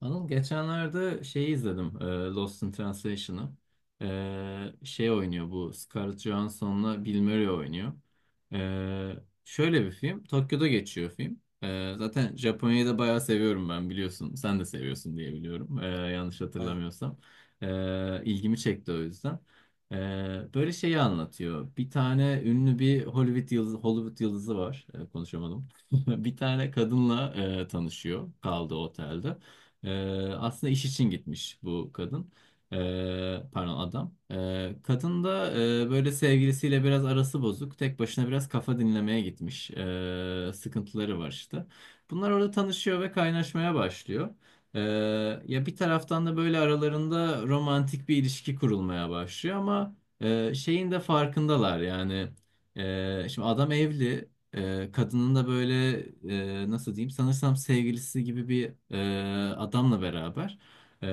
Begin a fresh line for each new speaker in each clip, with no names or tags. Anıl geçenlerde şeyi izledim. Lost in Translation'ı. Şey oynuyor bu. Scarlett Johansson'la Bill Murray oynuyor. E, Şöyle bir film. Tokyo'da geçiyor film. Zaten Japonya'yı da bayağı seviyorum ben biliyorsun. Sen de seviyorsun diye biliyorum. Yanlış
Aynen.
hatırlamıyorsam. İlgimi çekti o yüzden. E, Böyle şeyi anlatıyor. Bir tane ünlü bir Hollywood yıldızı var. Konuşamadım. Bir tane kadınla tanışıyor. Kaldığı otelde. Aslında iş için gitmiş bu kadın. Pardon adam. Kadın da böyle sevgilisiyle biraz arası bozuk. Tek başına biraz kafa dinlemeye gitmiş. Sıkıntıları var işte. Bunlar orada tanışıyor ve kaynaşmaya başlıyor. Ee, Ya bir taraftan da böyle aralarında romantik bir ilişki kurulmaya başlıyor ama şeyin de farkındalar yani. Şimdi adam evli, kadının da böyle nasıl diyeyim sanırsam sevgilisi gibi bir adamla beraber. Ee,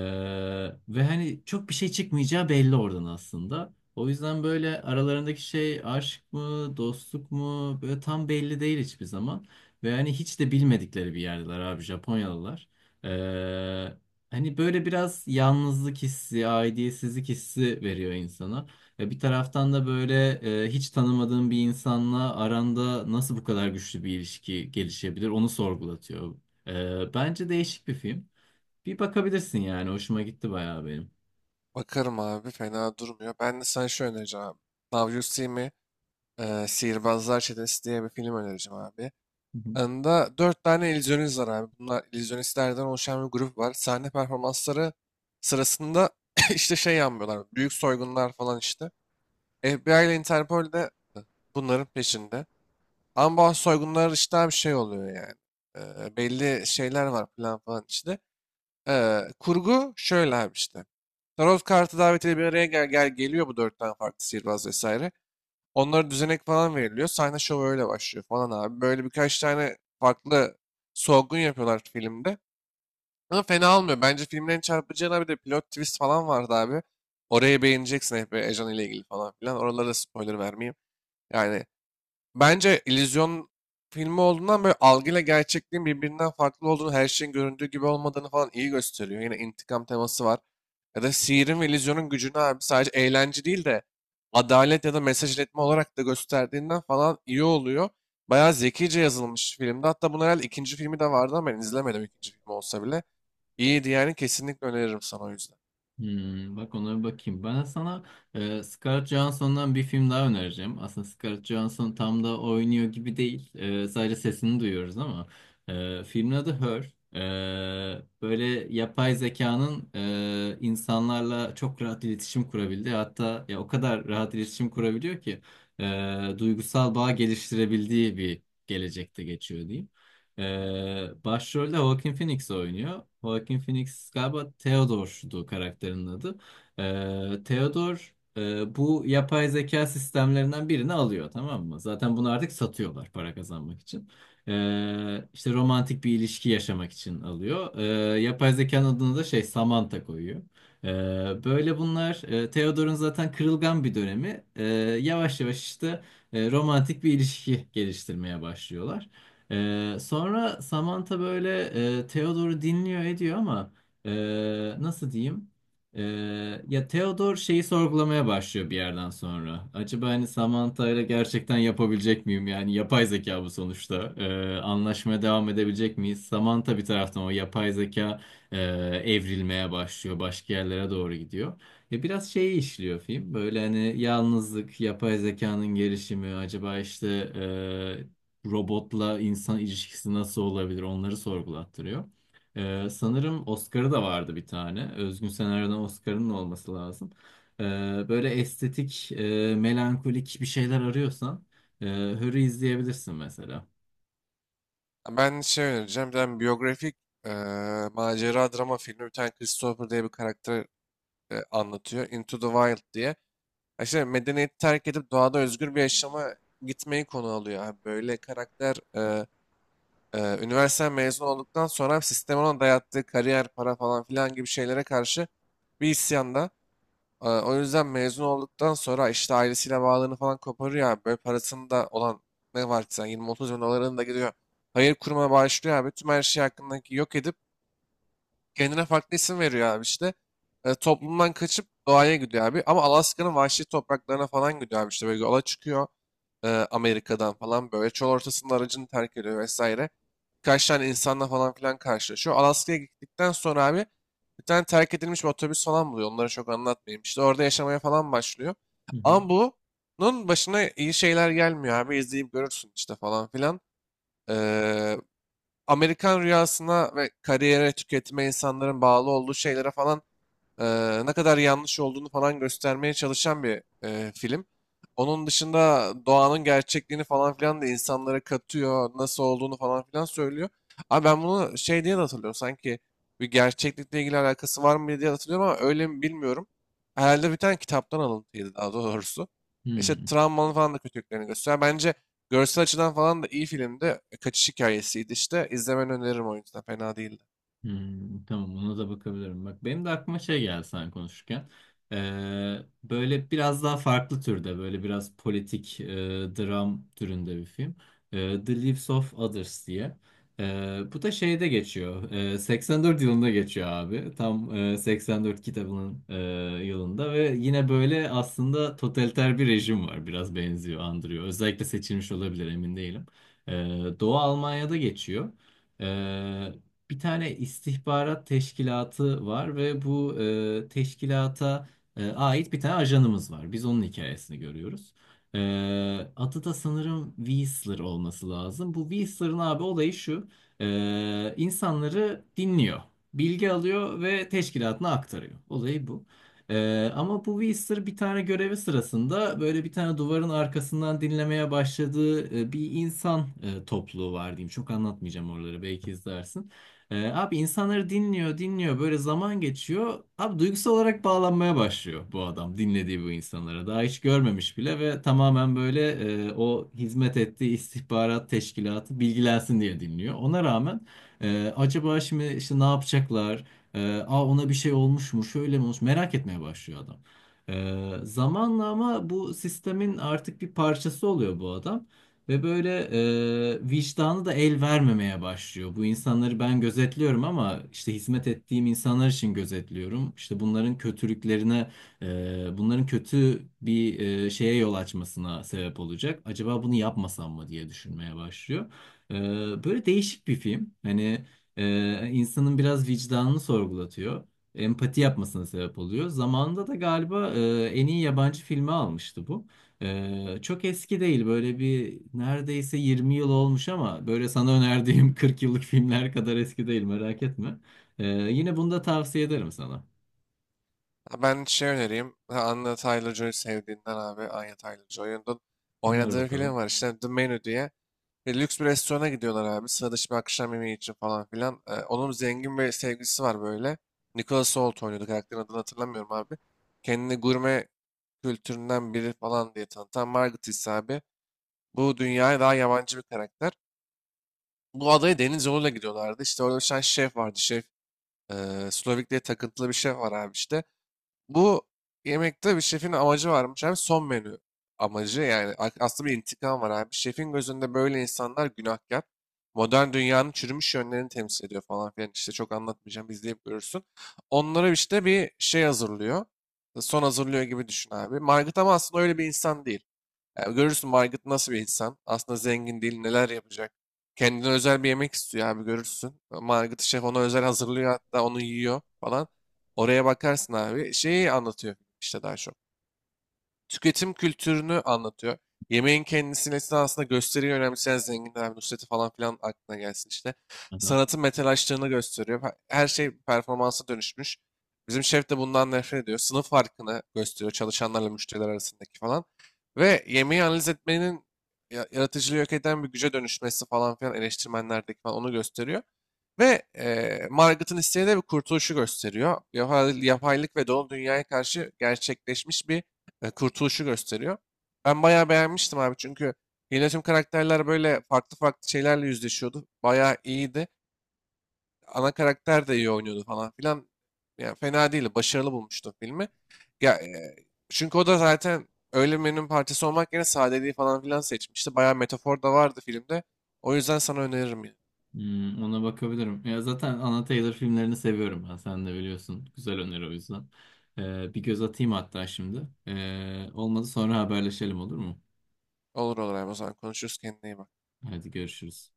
Ve hani çok bir şey çıkmayacağı belli oradan aslında. O yüzden böyle aralarındaki şey aşk mı dostluk mu böyle tam belli değil hiçbir zaman ve hani hiç de bilmedikleri bir yerdeler abi Japonyalılar. Ee, Hani böyle biraz yalnızlık hissi, aidiyetsizlik hissi veriyor insana. Ya bir taraftan da böyle hiç tanımadığın bir insanla aranda nasıl bu kadar güçlü bir ilişki gelişebilir onu sorgulatıyor. Bence değişik bir film. Bir bakabilirsin yani hoşuma gitti bayağı benim.
Bakarım abi, fena durmuyor. Ben de sana şu önereceğim abi. Now You See Me, Sihirbazlar Çetesi diye bir film önereceğim abi. Anında dört tane illüzyonist var abi. Bunlar illüzyonistlerden oluşan bir grup var. Sahne performansları sırasında işte şey yapmıyorlar. Büyük soygunlar falan işte. FBI ile Interpol de bunların peşinde. Ama bu soygunlar işte bir şey oluyor yani. E, belli şeyler var, plan falan içinde. Kurgu şöyle abi işte. Tarot kartı davetiyle bir araya gel geliyor bu dört tane farklı sihirbaz vesaire. Onlara düzenek falan veriliyor. Sahne şovu öyle başlıyor falan abi. Böyle birkaç tane farklı solgun yapıyorlar filmde. Ama fena olmuyor. Bence filmin en çarpıcı yanı, bir de pilot twist falan vardı abi. Orayı beğeneceksin, hep Ejan ile ilgili falan filan. Oralara da spoiler vermeyeyim. Yani bence illüzyon filmi olduğundan böyle algıyla gerçekliğin birbirinden farklı olduğunu, her şeyin göründüğü gibi olmadığını falan iyi gösteriyor. Yine intikam teması var. Ya da sihirin ve illüzyonun gücünü abi sadece eğlence değil de adalet ya da mesaj iletme olarak da gösterdiğinden falan iyi oluyor. Bayağı zekice yazılmış filmde. Hatta bunun herhalde ikinci filmi de vardı ama ben izlemedim, ikinci filmi olsa bile. İyiydi yani, kesinlikle öneririm sana o yüzden.
Hmm, bak ona bir bakayım. Ben sana Scarlett Johansson'dan bir film daha önereceğim. Aslında Scarlett Johansson tam da oynuyor gibi değil. Sadece sesini duyuyoruz ama. Filmin adı Her. Böyle yapay zekanın insanlarla çok rahat iletişim kurabildiği hatta ya o kadar rahat iletişim kurabiliyor ki duygusal bağ geliştirebildiği bir gelecekte geçiyor diyeyim. Başrolde Joaquin Phoenix oynuyor. Joaquin Phoenix galiba Theodore'du karakterinin adı. Theodore bu yapay zeka sistemlerinden birini alıyor, tamam mı? Zaten bunu artık satıyorlar para kazanmak için. İşte romantik bir ilişki yaşamak için alıyor. Yapay zekanın adını da şey Samantha koyuyor. Böyle bunlar Theodore'un zaten kırılgan bir dönemi. Yavaş yavaş işte romantik bir ilişki geliştirmeye başlıyorlar. Sonra Samantha böyle Theodore'u dinliyor ediyor ama e, nasıl diyeyim? E, Ya Theodore şeyi sorgulamaya başlıyor bir yerden sonra. Acaba hani Samantha ile gerçekten yapabilecek miyim? Yani yapay zeka bu sonuçta. Anlaşmaya devam edebilecek miyiz? Samantha bir taraftan o yapay zeka e, evrilmeye başlıyor. Başka yerlere doğru gidiyor. Ya biraz şeyi işliyor film. Böyle hani yalnızlık, yapay zekanın gelişimi, acaba işte e, robotla insan ilişkisi nasıl olabilir onları sorgulattırıyor. Sanırım Oscar'ı da vardı bir tane. Özgün Senaryo'dan Oscar'ın da olması lazım. Ee, Böyle estetik, melankolik bir şeyler arıyorsan Hör'ü izleyebilirsin mesela.
Ben şey önereceğim. Bir tane biyografik eee, macera drama filmi. Bir tane Christopher diye bir karakter anlatıyor. Into the Wild diye. Ya, işte medeniyeti terk edip doğada özgür bir yaşama gitmeyi konu alıyor abi. Böyle karakter üniversite mezun olduktan sonra sistemin ona dayattığı kariyer, para falan filan gibi şeylere karşı bir isyanda. E, o yüzden mezun olduktan sonra işte ailesiyle bağlarını falan koparıyor abi. Böyle parasında olan ne varsa 20-30 bin dolarını da gidiyor. Hayır kuruma başlıyor abi. Tüm her şey hakkındaki yok edip kendine farklı isim veriyor abi işte. E, toplumdan kaçıp doğaya gidiyor abi. Ama Alaska'nın vahşi topraklarına falan gidiyor abi işte. Böyle yola çıkıyor Amerika'dan falan böyle. Çöl ortasında aracını terk ediyor vesaire. Birkaç tane insanla falan filan karşılaşıyor. Alaska'ya gittikten sonra abi bir tane terk edilmiş bir otobüs falan buluyor. Onları çok anlatmayayım. İşte orada yaşamaya falan başlıyor.
Hı hı.
Ama bunun başına iyi şeyler gelmiyor abi. İzleyip görürsün işte falan filan. Ee, Amerikan rüyasına ve kariyere, tüketime, insanların bağlı olduğu şeylere falan ne kadar yanlış olduğunu falan göstermeye çalışan bir film. Onun dışında doğanın gerçekliğini falan filan da insanlara katıyor, nasıl olduğunu falan filan söylüyor. Abi ben bunu şey diye de hatırlıyorum, sanki bir gerçeklikle ilgili alakası var mı diye hatırlıyorum ama öyle mi bilmiyorum. Herhalde bir tane kitaptan alıntıydı daha doğrusu. İşte
Hmm.
travmanın falan da kötülüklerini gösteriyor. Bence görsel açıdan falan da iyi filmdi. Kaçış hikayesiydi işte. İzlemeni öneririm o yüzden. Fena değildi.
Hmm, tamam ona da bakabilirim. Bak benim de aklıma şey geldi sen konuşurken. Ee, Böyle biraz daha farklı türde böyle biraz politik dram türünde bir film. The Lives of Others diye. Bu da şeyde geçiyor. 84 yılında geçiyor abi. Tam 84 kitabının yılında ve yine böyle aslında totaliter bir rejim var. Biraz benziyor, andırıyor. Özellikle seçilmiş olabilir emin değilim. Ee, Doğu Almanya'da geçiyor. Ee, Bir tane istihbarat teşkilatı var ve bu teşkilata ait bir tane ajanımız var. Biz onun hikayesini görüyoruz. E, Adı da sanırım Whistler olması lazım. Bu Whistler'ın abi olayı şu. İnsanları dinliyor. Bilgi alıyor ve teşkilatına aktarıyor. Olayı bu. Ama bu Whistler bir tane görevi sırasında böyle bir tane duvarın arkasından dinlemeye başladığı bir insan topluluğu var diyeyim. Çok anlatmayacağım oraları belki izlersin. Abi insanları dinliyor, dinliyor. Böyle zaman geçiyor. Abi duygusal olarak bağlanmaya başlıyor bu adam dinlediği bu insanlara. Daha hiç görmemiş bile ve tamamen böyle o hizmet ettiği istihbarat teşkilatı bilgilensin diye dinliyor. Ona rağmen acaba şimdi işte ne yapacaklar? Aa ona bir şey olmuş mu? Şöyle mi olmuş? Merak etmeye başlıyor adam. Zamanla ama bu sistemin artık bir parçası oluyor bu adam. Ve böyle vicdanı da el vermemeye başlıyor. Bu insanları ben gözetliyorum ama işte hizmet ettiğim insanlar için gözetliyorum. İşte bunların kötülüklerine, bunların kötü bir şeye yol açmasına sebep olacak. Acaba bunu yapmasam mı diye düşünmeye başlıyor. E, Böyle değişik bir film. Hani insanın biraz vicdanını sorgulatıyor. Empati yapmasına sebep oluyor. Zamanında da galiba en iyi yabancı filmi almıştı bu. Çok eski değil böyle bir neredeyse 20 yıl olmuş ama böyle sana önerdiğim 40 yıllık filmler kadar eski değil merak etme. Yine bunu da tavsiye ederim sana.
Ha, ben şey önereyim. Ha, Anya Taylor-Joy sevdiğinden abi. Anya Taylor-Joy'un
Öner
oynadığı film
bakalım.
var işte, The Menu diye. Ve lüks bir restorana gidiyorlar abi. Sıra dışı bir akşam yemeği için falan filan. Onun zengin bir sevgilisi var böyle. Nicholas Hoult oynuyordu. Karakterin adını hatırlamıyorum abi. Kendini gurme kültüründen biri falan diye tanıtan Margaret ise abi, bu dünyaya daha yabancı bir karakter. Bu adaya deniz yoluyla gidiyorlardı. İşte orada bir tane şef vardı. Şef Slovak diye takıntılı bir şef var abi işte. Bu yemekte bir şefin amacı varmış abi. Son menü amacı yani aslında bir intikam var abi. Şefin gözünde böyle insanlar günahkar. Modern dünyanın çürümüş yönlerini temsil ediyor falan filan. İşte çok anlatmayacağım, izleyip görürsün. Onlara işte bir şey hazırlıyor. Son hazırlıyor gibi düşün abi. Margit ama aslında öyle bir insan değil. Yani görürsün Margaret nasıl bir insan. Aslında zengin değil, neler yapacak. Kendine özel bir yemek istiyor abi, görürsün. Margaret şef ona özel hazırlıyor, hatta onu yiyor falan. Oraya bakarsın abi. Şeyi anlatıyor işte daha çok. Tüketim kültürünü anlatıyor. Yemeğin kendisini esnasında gösteriyi önemseyen zenginler, Nusret'i falan filan aklına gelsin işte.
Aha.
Sanatın metalaştığını gösteriyor. Her şey performansa dönüşmüş. Bizim şef de bundan nefret ediyor. Sınıf farkını gösteriyor çalışanlarla müşteriler arasındaki falan. Ve yemeği analiz etmenin yaratıcılığı yok eden bir güce dönüşmesi falan filan, eleştirmenlerdeki falan onu gösteriyor. Ve Margaret'ın isteği de bir kurtuluşu gösteriyor. Yapaylık ve doğal dünyaya karşı gerçekleşmiş bir kurtuluşu gösteriyor. Ben bayağı beğenmiştim abi çünkü yine tüm karakterler böyle farklı farklı şeylerle yüzleşiyordu. Bayağı iyiydi. Ana karakter de iyi oynuyordu falan filan. Yani fena değildi. Başarılı bulmuştum filmi. Ya, çünkü o da zaten öyle menünün parçası olmak yerine sadeliği falan filan seçmişti. Bayağı metafor da vardı filmde. O yüzden sana öneririm yine.
Hmm, ona bakabilirim. Ya zaten Anna Taylor filmlerini seviyorum ben sen de biliyorsun. Güzel öneri o yüzden. Bir göz atayım hatta şimdi. Olmadı sonra haberleşelim, olur mu?
Olur olur abi, o zaman konuşuruz, kendine iyi bak.
Hadi görüşürüz.